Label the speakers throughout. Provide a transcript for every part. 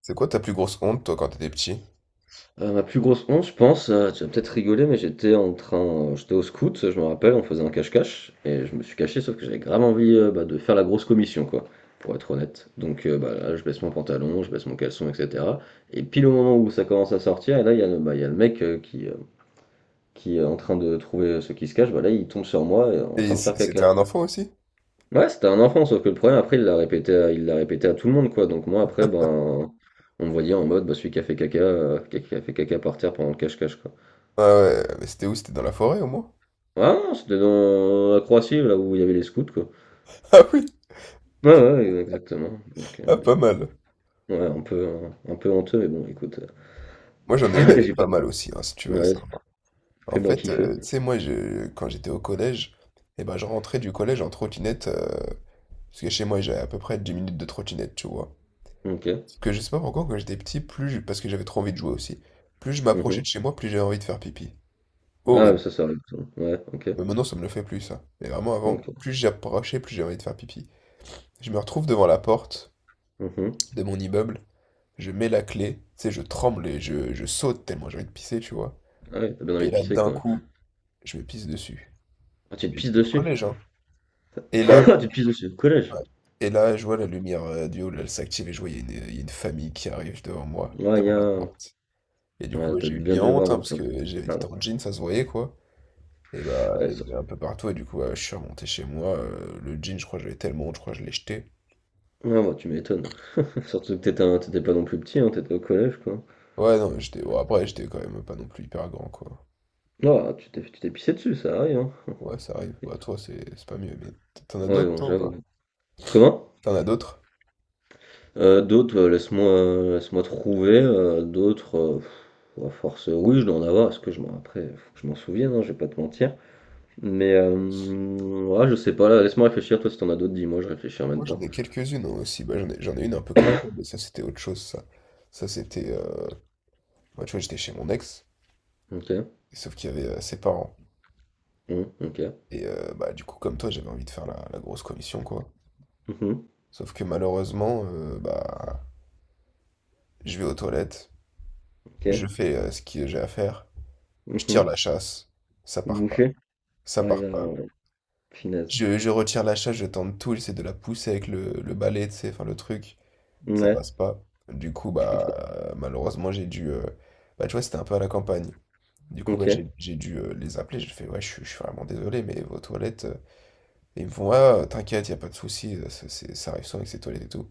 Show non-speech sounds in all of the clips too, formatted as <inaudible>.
Speaker 1: C'est quoi ta plus grosse honte, toi, quand t'étais petit?
Speaker 2: Ma plus grosse honte, je pense, tu vas peut-être rigoler, mais j'étais en train j'étais au scout, je me rappelle, on faisait un cache-cache et je me suis caché, sauf que j'avais grave envie, bah, de faire la grosse commission, quoi, pour être honnête. Donc bah, là, je baisse mon pantalon, je baisse mon caleçon et cetera, et pile au moment où ça commence à sortir, et là, il y a le, bah, il y a le mec, qui est en train de trouver ceux qui se cachent, bah, là, il tombe sur moi et en train
Speaker 1: Et
Speaker 2: de faire
Speaker 1: c'était
Speaker 2: caca.
Speaker 1: un enfant aussi?
Speaker 2: Ouais, c'était un enfant, sauf que le problème après, il l'a répété à tout le monde, quoi, donc moi après, ben, on me voyait en mode, bah, celui qui a fait caca, qui a fait caca par terre pendant le cache-cache, quoi.
Speaker 1: Ah ouais, mais c'était où? C'était dans la forêt, au moins?
Speaker 2: Ah, c'était dans la Croatie, là où il y avait les scouts, quoi.
Speaker 1: <laughs> Ah oui,
Speaker 2: Ouais, ouais, exactement. Donc,
Speaker 1: ah, pas mal.
Speaker 2: ouais, un peu, un peu honteux, mais bon, écoute,
Speaker 1: Moi, j'en ai une, elle
Speaker 2: <laughs>
Speaker 1: est
Speaker 2: j'ai
Speaker 1: pas
Speaker 2: pas.
Speaker 1: mal aussi, hein, si tu veux
Speaker 2: Ouais,
Speaker 1: savoir. En
Speaker 2: fais-moi
Speaker 1: fait,
Speaker 2: kiffer.
Speaker 1: tu sais, moi, je, quand j'étais au collège, eh ben, je rentrais du collège en trottinette, parce que chez moi, j'avais à peu près 10 minutes de trottinette, tu vois.
Speaker 2: Ok.
Speaker 1: Parce que je sais pas pourquoi, quand j'étais petit, parce que j'avais trop envie de jouer aussi, plus je m'approchais
Speaker 2: Mhm.
Speaker 1: de chez moi, plus j'avais envie de faire pipi.
Speaker 2: Ah, ouais,
Speaker 1: Horrible.
Speaker 2: ça arrive. Ça. Ouais, ok.
Speaker 1: Mais maintenant, ça me le fait plus, ça. Mais vraiment, avant,
Speaker 2: Ok.
Speaker 1: plus j'approchais, plus j'avais envie de faire pipi. Je me retrouve devant la porte
Speaker 2: Mhm.
Speaker 1: de mon immeuble. Je mets la clé, tu sais, je tremble et je saute tellement j'ai envie de pisser, tu vois.
Speaker 2: Ah ouais, t'as bien envie
Speaker 1: Et
Speaker 2: de
Speaker 1: là,
Speaker 2: pisser,
Speaker 1: d'un
Speaker 2: quoi. Ouais.
Speaker 1: coup, je me pisse dessus.
Speaker 2: Ah, tu te
Speaker 1: Mais
Speaker 2: pisses
Speaker 1: j'étais au
Speaker 2: dessus. <coughs>
Speaker 1: collège, hein. Et
Speaker 2: <laughs>
Speaker 1: là,
Speaker 2: Ah, tu te pisses dessus. Au collège.
Speaker 1: ouais, et là, je vois la lumière du haut, là, elle s'active et je vois, il y a une famille qui arrive devant moi,
Speaker 2: Ouais, il y
Speaker 1: devant la
Speaker 2: a.
Speaker 1: porte. Et du coup,
Speaker 2: Ouais,
Speaker 1: ouais,
Speaker 2: t'as
Speaker 1: j'ai eu
Speaker 2: bien
Speaker 1: bien
Speaker 2: dû
Speaker 1: honte,
Speaker 2: avoir,
Speaker 1: hein, parce
Speaker 2: encore.
Speaker 1: que
Speaker 2: Ah,
Speaker 1: j'étais en jean, ça se voyait, quoi. Et bah, il
Speaker 2: ouais,
Speaker 1: y en
Speaker 2: ça,
Speaker 1: avait un peu partout, et du coup, ouais, je suis remonté chez moi. Le jean, je crois que j'avais tellement honte, je crois que je l'ai jeté.
Speaker 2: ouais, bah, tu m'étonnes. <laughs> Surtout que t'étais pas non plus petit, hein, t'étais au collège, quoi.
Speaker 1: Ouais, non, j'étais. Bon, après, j'étais quand même pas non plus hyper grand, quoi.
Speaker 2: Ah, tu t'es pissé dessus, ça arrive, hein.
Speaker 1: Ouais, ça arrive. Bah, toi, c'est pas mieux, mais t'en as
Speaker 2: Ouais,
Speaker 1: d'autres,
Speaker 2: bon,
Speaker 1: toi, ou
Speaker 2: j'avoue.
Speaker 1: pas?
Speaker 2: Comment?
Speaker 1: T'en as d'autres?
Speaker 2: D'autres, laisse-moi trouver. À force, oui, je dois en avoir. Parce que je m'en après, Faut que je m'en souvienne, hein, je vais pas te mentir. Mais ouais, je sais pas. Là, laisse-moi réfléchir. Toi, si t'en as d'autres, dis-moi. Je réfléchis en
Speaker 1: Moi,
Speaker 2: même
Speaker 1: j'en
Speaker 2: temps.
Speaker 1: ai quelques-unes hein, aussi. Bah, j'en ai une un peu comme toi, mais ça, c'était autre chose, ça. Ça, c'était... bah, tu vois, j'étais chez mon ex,
Speaker 2: Ok.
Speaker 1: et sauf qu'il y avait ses parents.
Speaker 2: Mmh, ok.
Speaker 1: Et bah, du coup, comme toi, j'avais envie de faire la grosse commission, quoi.
Speaker 2: Mmh,
Speaker 1: Sauf que malheureusement, bah, je vais aux toilettes, je
Speaker 2: ok.
Speaker 1: fais ce que j'ai à faire, je tire
Speaker 2: Mmh.
Speaker 1: la chasse, ça part pas.
Speaker 2: Boucher.
Speaker 1: Ça
Speaker 2: Ah, il y
Speaker 1: part
Speaker 2: a
Speaker 1: pas,
Speaker 2: un-
Speaker 1: gros.
Speaker 2: Finesse.
Speaker 1: Je retire la chasse, je tente tout, j'essaie de la pousser avec le balai, tu sais, enfin le truc. Ça
Speaker 2: Ouais.
Speaker 1: passe pas. Du coup,
Speaker 2: Tu fais
Speaker 1: bah,
Speaker 2: quoi?
Speaker 1: malheureusement, j'ai dû. Bah, tu vois, c'était un peu à la campagne. Du coup, bah,
Speaker 2: Ok.
Speaker 1: j'ai dû les appeler. J'ai fait, ouais, je suis vraiment désolé, mais vos toilettes. Et ils me font, ah, t'inquiète, y a pas de souci, ça, ça arrive souvent avec ces toilettes et tout.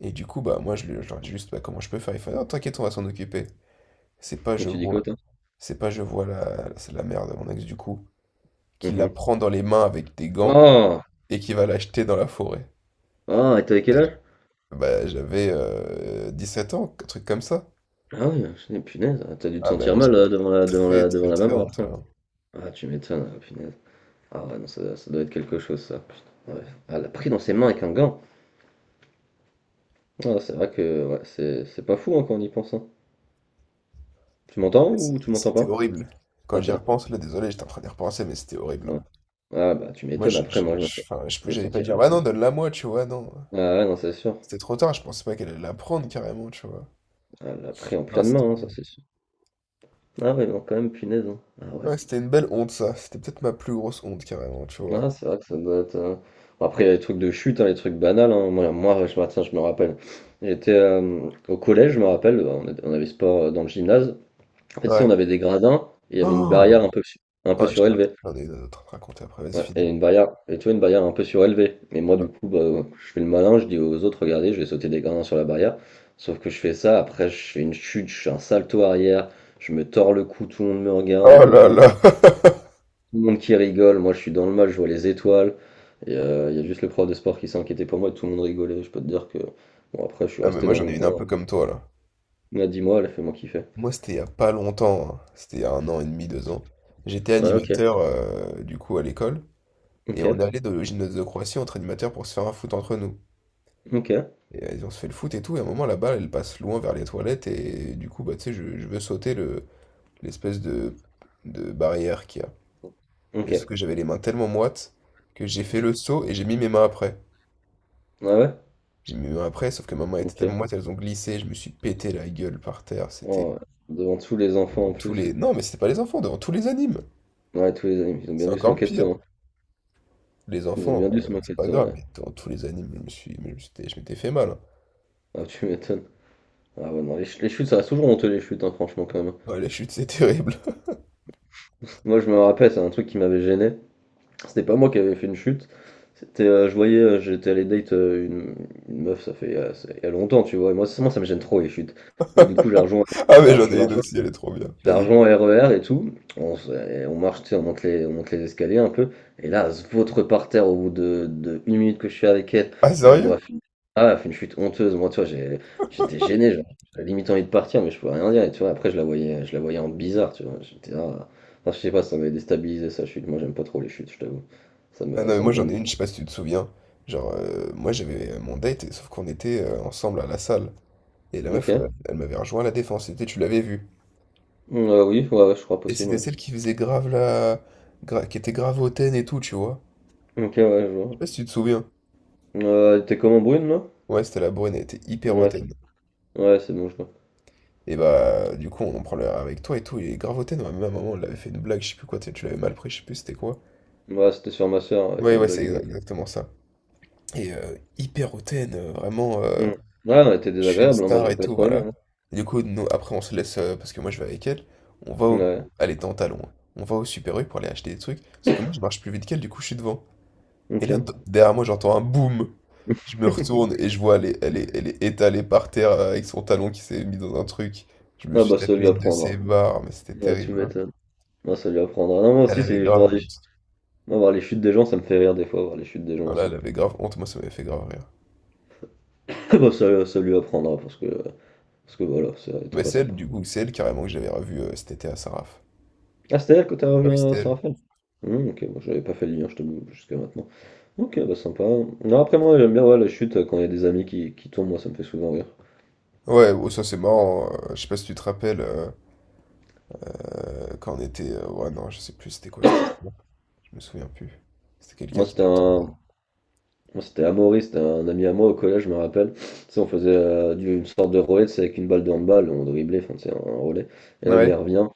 Speaker 1: Et du coup, bah, moi, je leur dis juste, bah, comment je peux faire? Ils font, non, t'inquiète, on va s'en occuper. C'est pas,
Speaker 2: Toi,
Speaker 1: je
Speaker 2: tu dis quoi,
Speaker 1: vois.
Speaker 2: toi?
Speaker 1: C'est pas, je vois c'est la mère de mon ex, du coup, qui la
Speaker 2: Mmh.
Speaker 1: prend dans les mains avec des gants
Speaker 2: Oh,
Speaker 1: et qui va l'acheter dans la forêt.
Speaker 2: ah, et t'avais quel âge?
Speaker 1: Bah, j'avais 7 ans, un truc comme ça.
Speaker 2: Ah oui, je dis, punaise, t'as dû te
Speaker 1: Ah ben
Speaker 2: sentir
Speaker 1: là,
Speaker 2: mal là, devant la, devant
Speaker 1: très,
Speaker 2: la, devant
Speaker 1: très,
Speaker 2: la
Speaker 1: très
Speaker 2: maman
Speaker 1: honte,
Speaker 2: après.
Speaker 1: là.
Speaker 2: Ah, tu m'étonnes, ah, punaise. Ah ouais, non, ça doit être quelque chose, ça. Putain, ouais. Elle a pris dans ses mains avec un gant. Ah, c'est vrai que ouais, c'est pas fou hein, quand on y pense. Hein. Tu m'entends ou tu m'entends
Speaker 1: C'était
Speaker 2: pas?
Speaker 1: horrible. Quand
Speaker 2: Ah,
Speaker 1: j'y
Speaker 2: t'es là.
Speaker 1: repense, là, désolé, j'étais en train d'y repenser, mais c'était horrible, hein.
Speaker 2: Ouais. Ah, bah, tu
Speaker 1: Moi,
Speaker 2: m'étonnes. Après, moi, je me sens.
Speaker 1: enfin, je sais
Speaker 2: Je
Speaker 1: plus,
Speaker 2: me
Speaker 1: j'allais pas dire,
Speaker 2: sentirais
Speaker 1: bah
Speaker 2: étonné.
Speaker 1: non, donne-la moi, tu vois, non.
Speaker 2: Ah, ouais, non, c'est sûr.
Speaker 1: C'était trop tard, je pensais pas qu'elle allait la prendre, carrément, tu vois.
Speaker 2: Ah, elle l'a pris en
Speaker 1: Non,
Speaker 2: pleine main,
Speaker 1: c'était
Speaker 2: hein, ça, c'est sûr. Ah, ouais, non, quand même, punaise. Hein. Ah, ouais.
Speaker 1: ouais, c'était une belle honte, ça. C'était peut-être ma plus grosse honte, carrément, tu vois.
Speaker 2: Ah, c'est vrai que ça doit être. Euh, bon, après, il y a les trucs de chute, hein, les trucs banals. Hein. Moi, je me tiens, je me rappelle. J'étais au collège, je me rappelle. On avait sport dans le gymnase. En fait, tu sais, on
Speaker 1: Ouais.
Speaker 2: avait des gradins et il y avait une
Speaker 1: Oh!
Speaker 2: barrière un peu, su- un peu
Speaker 1: Ouais,
Speaker 2: surélevée.
Speaker 1: j'en ai une autre à te raconter après, vas-y,
Speaker 2: Ouais,
Speaker 1: finis.
Speaker 2: et une barrière, et tu vois, Une barrière un peu surélevée. Mais moi, du coup, bah, je fais le malin, je dis aux autres, regardez, je vais sauter des gradins sur la barrière. Sauf que je fais ça, après, je fais une chute, je fais un salto arrière, je me tords le cou, tout le monde me regarde, au
Speaker 1: Oh
Speaker 2: moins une
Speaker 1: là
Speaker 2: vingtaine,
Speaker 1: là! <laughs>
Speaker 2: tout le monde qui rigole. Moi, je suis dans le mal, je vois les étoiles. Et il y a juste le prof de sport qui s'est inquiété pour moi et tout le monde rigolait. Je peux te dire que, bon, après, je suis
Speaker 1: Ah, mais
Speaker 2: resté
Speaker 1: moi,
Speaker 2: dans
Speaker 1: j'en
Speaker 2: mon
Speaker 1: ai une un
Speaker 2: coin.
Speaker 1: peu comme toi, là.
Speaker 2: On a dit, moi, elle a fait moi kiffer.
Speaker 1: Moi, c'était il y a pas longtemps, hein. C'était il y a 1 an et demi, 2 ans. J'étais
Speaker 2: Ouais, ok,
Speaker 1: animateur, du coup, à l'école. Et
Speaker 2: ok,
Speaker 1: on est au gymnase de Croatie entre animateurs pour se faire un foot entre nous.
Speaker 2: ok,
Speaker 1: Et on se fait le foot et tout, et à un moment la balle elle passe loin vers les toilettes et du coup bah tu sais je veux sauter le l'espèce de barrière qu'il y a.
Speaker 2: ok.
Speaker 1: Et sauf que j'avais les mains tellement moites que j'ai fait le saut et j'ai mis mes mains après.
Speaker 2: Ouais, ouais.
Speaker 1: J'ai mis mes mains après, sauf que mes mains étaient tellement
Speaker 2: Ok.
Speaker 1: moite elles ont glissé, je me suis pété la gueule par terre, c'était
Speaker 2: Oh, ouais. Devant tous les enfants
Speaker 1: devant
Speaker 2: en
Speaker 1: tous
Speaker 2: plus.
Speaker 1: les. Non mais c'était pas les enfants, devant tous les animes.
Speaker 2: Ouais, tous les animes, ils ont
Speaker 1: C'est
Speaker 2: bien dû se
Speaker 1: encore
Speaker 2: moquer de
Speaker 1: pire.
Speaker 2: toi. Hein.
Speaker 1: Les
Speaker 2: Ils ont
Speaker 1: enfants,
Speaker 2: bien dû se
Speaker 1: c'est
Speaker 2: moquer de
Speaker 1: pas
Speaker 2: toi,
Speaker 1: grave,
Speaker 2: ouais.
Speaker 1: mais devant tous les animes, je me suis. Mais je m'étais fait mal, hein.
Speaker 2: Ah, tu m'étonnes. Ah ouais, non, les chutes, ça reste toujours honteux, les chutes, hein, franchement, quand même.
Speaker 1: Ouais, la chute, c'est <laughs> terrible.
Speaker 2: Moi, je me rappelle, c'est un truc qui m'avait gêné. C'était pas moi qui avais fait une chute. J'étais allé date une meuf, il y a longtemps, tu vois. Et moi, ça me gêne trop, les chutes. Et du coup,
Speaker 1: <laughs> Ah
Speaker 2: je
Speaker 1: mais
Speaker 2: la,
Speaker 1: j'en
Speaker 2: je
Speaker 1: ai une aussi, elle est trop bien.
Speaker 2: la
Speaker 1: Vas-y.
Speaker 2: rejoins au RER et tout. On, se- et On marche, tu sais, on monte les escaliers un peu. Et là, elle se vautre par terre au bout de une minute que je suis avec elle.
Speaker 1: Ah
Speaker 2: Moi, je vois,
Speaker 1: sérieux?
Speaker 2: elle fait une- Ah, ouais, elle fait une chute honteuse. Moi, tu vois, j'ai- J'étais gêné. Genre, j'avais limite envie de partir, mais je pouvais rien dire. Et tu vois, après, je la voyais en bizarre, tu vois. J'étais, ah. Enfin, je sais pas, ça m'avait déstabilisé sa chute. Moi, j'aime pas trop les chutes, je t'avoue.
Speaker 1: Ah non mais
Speaker 2: Ça
Speaker 1: moi
Speaker 2: me
Speaker 1: j'en
Speaker 2: gêne.
Speaker 1: ai une, je sais pas si tu te souviens. Genre moi j'avais mon date, sauf qu'on était ensemble à la salle. Et la meuf,
Speaker 2: Ok.
Speaker 1: elle m'avait rejoint à la défense, c'était tu l'avais vue.
Speaker 2: Oui, ouais, ouais, je crois
Speaker 1: Et
Speaker 2: possible,
Speaker 1: c'était
Speaker 2: oui.
Speaker 1: celle qui faisait grave la... qui était grave hautaine et tout, tu vois.
Speaker 2: Ok, ouais, je
Speaker 1: Je sais
Speaker 2: vois.
Speaker 1: pas si tu te souviens.
Speaker 2: T'es comment brune, là?
Speaker 1: Ouais, c'était la brune, elle était hyper
Speaker 2: Ouais, ok.
Speaker 1: hautaine.
Speaker 2: Ouais, c'est bon, je vois.
Speaker 1: Et bah du coup on prend le avec toi et tout, il est grave hautaine, ouais, même à un moment on l'avait fait une blague, je sais plus quoi, tu sais, tu l'avais mal pris, je sais plus c'était quoi.
Speaker 2: Ouais, c'était sur ma soeur, elle
Speaker 1: Ouais
Speaker 2: fait une
Speaker 1: ouais
Speaker 2: blague.
Speaker 1: c'est
Speaker 2: Euh,
Speaker 1: exactement ça. Et hyper hautaine, vraiment.
Speaker 2: mm. Ouais, on a été
Speaker 1: Je suis une
Speaker 2: désagréable, hein. Moi,
Speaker 1: star
Speaker 2: j'ai
Speaker 1: et
Speaker 2: pas
Speaker 1: tout,
Speaker 2: trop aimé.
Speaker 1: voilà.
Speaker 2: Hein.
Speaker 1: Et du coup, nous, après, on se laisse, parce que moi, je vais avec elle, on va au...
Speaker 2: Ouais,
Speaker 1: Elle était en talons, hein. On va au Super U pour aller acheter des trucs, sauf que moi, je marche plus vite qu'elle, du coup, je suis devant. Et
Speaker 2: ok.
Speaker 1: là, derrière moi, j'entends un boum. Je me retourne
Speaker 2: <laughs>
Speaker 1: et je vois, elle est étalée par terre avec son talon qui s'est mis dans un truc. Je me
Speaker 2: Ah
Speaker 1: suis
Speaker 2: bah ça
Speaker 1: tapé
Speaker 2: lui
Speaker 1: une de ses
Speaker 2: apprendra.
Speaker 1: barres, mais c'était
Speaker 2: Ah, tu
Speaker 1: terrible, hein.
Speaker 2: m'étonnes. Ah, ça lui apprendra. Non, moi
Speaker 1: Elle
Speaker 2: aussi,
Speaker 1: avait
Speaker 2: c'est je
Speaker 1: grave
Speaker 2: vois les...
Speaker 1: honte.
Speaker 2: Moi, voir les chutes des gens, ça me fait rire des fois, voir les chutes des gens
Speaker 1: Non, là,
Speaker 2: aussi.
Speaker 1: elle avait grave honte, moi, ça m'avait fait grave rire.
Speaker 2: <laughs> Ah bah ça, ça lui apprendra parce que voilà, ça était
Speaker 1: Mais
Speaker 2: pas
Speaker 1: c'est
Speaker 2: sympa.
Speaker 1: elle, du coup, c'est elle carrément que j'avais revue cet été à Saraf.
Speaker 2: Ah, c'était elle que t'as
Speaker 1: Ah
Speaker 2: revu
Speaker 1: oui,
Speaker 2: à
Speaker 1: c'était elle.
Speaker 2: Saint-Raphaël? Hmm, ok, moi j'avais pas fait le lien, je t'avoue, jusqu'à maintenant. Ok, bah sympa. Non, après moi j'aime bien ouais, la chute quand il y a qui tombent, moi ça me fait souvent rire.
Speaker 1: Ouais, oh, ça c'est marrant. Je sais pas si tu te rappelles. Quand on était. Ouais, non, je sais plus c'était quoi cette histoire. Je me souviens plus. C'était quelqu'un
Speaker 2: Moi
Speaker 1: qui
Speaker 2: c'était
Speaker 1: était tombé.
Speaker 2: un, Moi, c'était Amaury, c'était un ami à moi au collège, je me rappelle. Tu sais, on faisait une sorte de relais, c'est avec une balle de handball, on driblait, enfin, c'est un relais. Et là, lui, il
Speaker 1: Ouais,
Speaker 2: revient,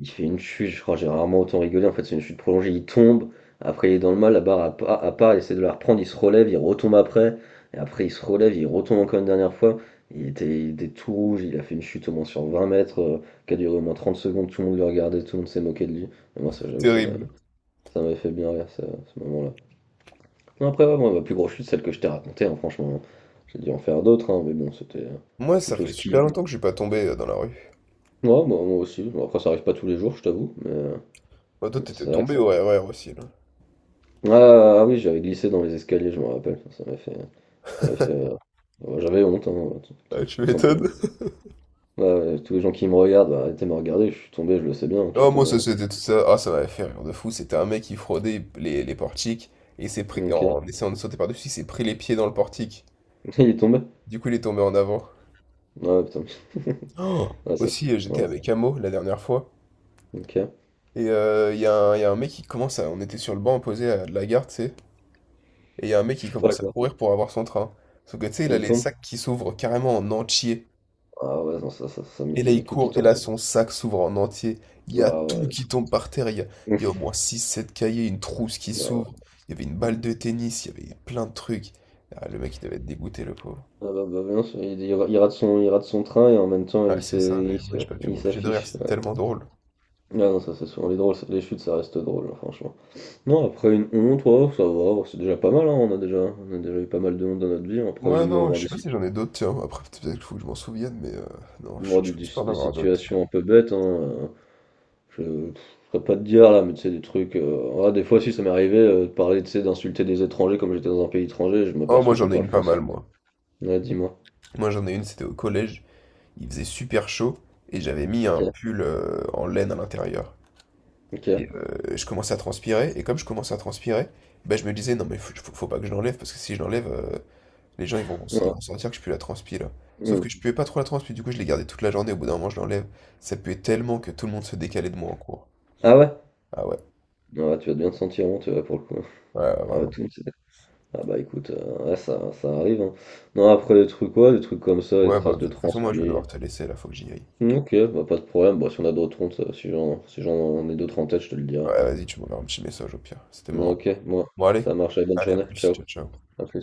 Speaker 2: il fait une chute, je crois, j'ai rarement autant rigolé, en fait, c'est une chute prolongée, il tombe, après, il est dans le mal, la barre à pas, à part, il essaie de la reprendre, il se relève, il retombe après, et après, il se relève, il retombe encore une dernière fois. Il était tout rouge, il a fait une chute au moins sur 20 mètres, qui a duré au moins 30 secondes, tout le monde le regardait, tout le monde s'est moqué de lui. Et moi, ça, j'avoue,
Speaker 1: terrible.
Speaker 2: ça m'avait fait bien rire, ça, ce moment-là. Non, après, ouais, moi, ma plus grosse chute, celle que je t'ai racontée, hein, franchement, j'ai dû en faire d'autres, hein, mais bon, c'était
Speaker 1: Moi, ça
Speaker 2: chute au
Speaker 1: fait
Speaker 2: ski,
Speaker 1: super
Speaker 2: là.
Speaker 1: longtemps que je suis pas tombé dans la rue.
Speaker 2: Ouais, bah, moi aussi, bon, après, ça arrive pas tous les jours, je t'avoue,
Speaker 1: Moi, toi,
Speaker 2: mais
Speaker 1: t'étais
Speaker 2: c'est vrai que
Speaker 1: tombé
Speaker 2: ça...
Speaker 1: au RER aussi, là.
Speaker 2: Ah, ah oui, j'avais glissé dans les escaliers, je me rappelle, ça m'a fait... Ça m'a fait bah, j'avais honte, hein,
Speaker 1: Ah, tu
Speaker 2: tout simplement.
Speaker 1: m'étonnes.
Speaker 2: Ouais, ouais, tous les gens qui me regardent, bah, arrêtez de me regarder, je suis tombé, je le sais bien hein, que je suis
Speaker 1: Oh, moi,
Speaker 2: tombé.
Speaker 1: ça,
Speaker 2: Hein.
Speaker 1: c'était tout ça. Ah, ça m'avait fait rire de fou. C'était un mec qui fraudait les portiques et il s'est pris,
Speaker 2: Ok, <laughs>
Speaker 1: en essayant de sauter par-dessus, il s'est pris les pieds dans le portique.
Speaker 2: il est tombé?
Speaker 1: Du coup, il est tombé en avant.
Speaker 2: Ouais, putain, ouais,
Speaker 1: Oh,
Speaker 2: c'est ça,
Speaker 1: aussi,
Speaker 2: ouais,
Speaker 1: j'étais avec Amo la dernière fois.
Speaker 2: ok.
Speaker 1: Et il y a un mec qui commence à. On était sur le banc opposé à de la gare, tu sais. Et il y a un mec qui
Speaker 2: Ouais,
Speaker 1: commence à
Speaker 2: quoi.
Speaker 1: courir pour avoir son train. Sauf que tu sais, il
Speaker 2: Et
Speaker 1: a
Speaker 2: il
Speaker 1: les
Speaker 2: tombe?
Speaker 1: sacs qui s'ouvrent carrément en entier.
Speaker 2: Ah ouais, non,
Speaker 1: Et là,
Speaker 2: c'est
Speaker 1: il
Speaker 2: tout qui
Speaker 1: court, et
Speaker 2: tombe?
Speaker 1: là, son sac s'ouvre en entier. Il y a
Speaker 2: Ah
Speaker 1: tout
Speaker 2: ouais,
Speaker 1: qui tombe par terre.
Speaker 2: c'est-
Speaker 1: Il y a au moins six, sept cahiers, une trousse qui
Speaker 2: <laughs> Ah ouais.
Speaker 1: s'ouvre. Il y avait une balle de tennis, il y avait plein de trucs. Ah, le mec, il devait être dégoûté, le pauvre.
Speaker 2: Ah bah, bah, non, c'est- il rate son train et en même temps
Speaker 1: Ouais, c'est ça, mais
Speaker 2: il
Speaker 1: moi,
Speaker 2: se-
Speaker 1: j'ai pas pu
Speaker 2: il
Speaker 1: m'empêcher de rire,
Speaker 2: s'affiche.
Speaker 1: c'était
Speaker 2: Ouais.
Speaker 1: tellement drôle.
Speaker 2: Ah non, ça c'est souvent les drôles, ça- les chutes ça reste drôle, hein, franchement. Non, après une honte, ouais, ça va, ouais, c'est déjà pas mal, hein, on a déjà eu pas mal de honte dans notre vie. Hein. Après, j'ai
Speaker 1: Ouais,
Speaker 2: dû
Speaker 1: non,
Speaker 2: avoir
Speaker 1: je sais
Speaker 2: des,
Speaker 1: pas
Speaker 2: sit-
Speaker 1: si j'en ai d'autres, tiens. Après, peut-être qu'il faut que je m'en souvienne, mais non,
Speaker 2: moi,
Speaker 1: je pense pas en
Speaker 2: des
Speaker 1: avoir d'autres, tiens.
Speaker 2: situations un peu bêtes, hein, je ne saurais pas te dire là, mais tu sais, des trucs. Euh, ouais, des fois, si ça m'est arrivé de parler, tu sais, d'insulter des étrangers comme j'étais dans un pays étranger, je
Speaker 1: Oh, moi,
Speaker 2: m'aperçois
Speaker 1: j'en
Speaker 2: qu'ils
Speaker 1: ai
Speaker 2: parlent
Speaker 1: une pas
Speaker 2: français.
Speaker 1: mal, moi.
Speaker 2: Ouais, dis-moi.
Speaker 1: Moi, j'en ai une, c'était au collège. Il faisait super chaud et j'avais mis
Speaker 2: Ok,
Speaker 1: un pull en laine à l'intérieur.
Speaker 2: ok.
Speaker 1: Et je commençais à transpirer et comme je commençais à transpirer, bah, je me disais non mais faut pas que je l'enlève parce que si je l'enlève, les gens ils
Speaker 2: Ouais.
Speaker 1: vont sentir que je pue la transpi là. Sauf
Speaker 2: Hmm.
Speaker 1: que je puais pas trop la transpi, du coup je l'ai gardé toute la journée, au bout d'un moment je l'enlève. Ça puait tellement que tout le monde se décalait de moi en cours.
Speaker 2: Ah ouais?
Speaker 1: Ah ouais,
Speaker 2: Ah, tu vas bien te sentir honteux là, pour le coup.
Speaker 1: ouais, ouais,
Speaker 2: Ah, ouais,
Speaker 1: vraiment.
Speaker 2: tout le monde s'est- Ah, bah écoute, ouais, ça arrive. Hein. Non, après des trucs, ouais, des trucs comme ça, des
Speaker 1: Ouais bah
Speaker 2: traces
Speaker 1: de
Speaker 2: de
Speaker 1: toute façon moi je vais
Speaker 2: transpi.
Speaker 1: devoir te laisser là, faut que j'y aille.
Speaker 2: Ok, bah pas de problème. Bon, si on a d'autres hontes, si j'en ai d'autres en tête, je te le dirai.
Speaker 1: Ouais vas-y tu m'enverras un petit message au pire, c'était marrant.
Speaker 2: Ok, moi,
Speaker 1: Bon allez,
Speaker 2: ça marche, allez, bonne
Speaker 1: allez à
Speaker 2: journée,
Speaker 1: plus,
Speaker 2: ciao,
Speaker 1: ciao ciao.
Speaker 2: à plus.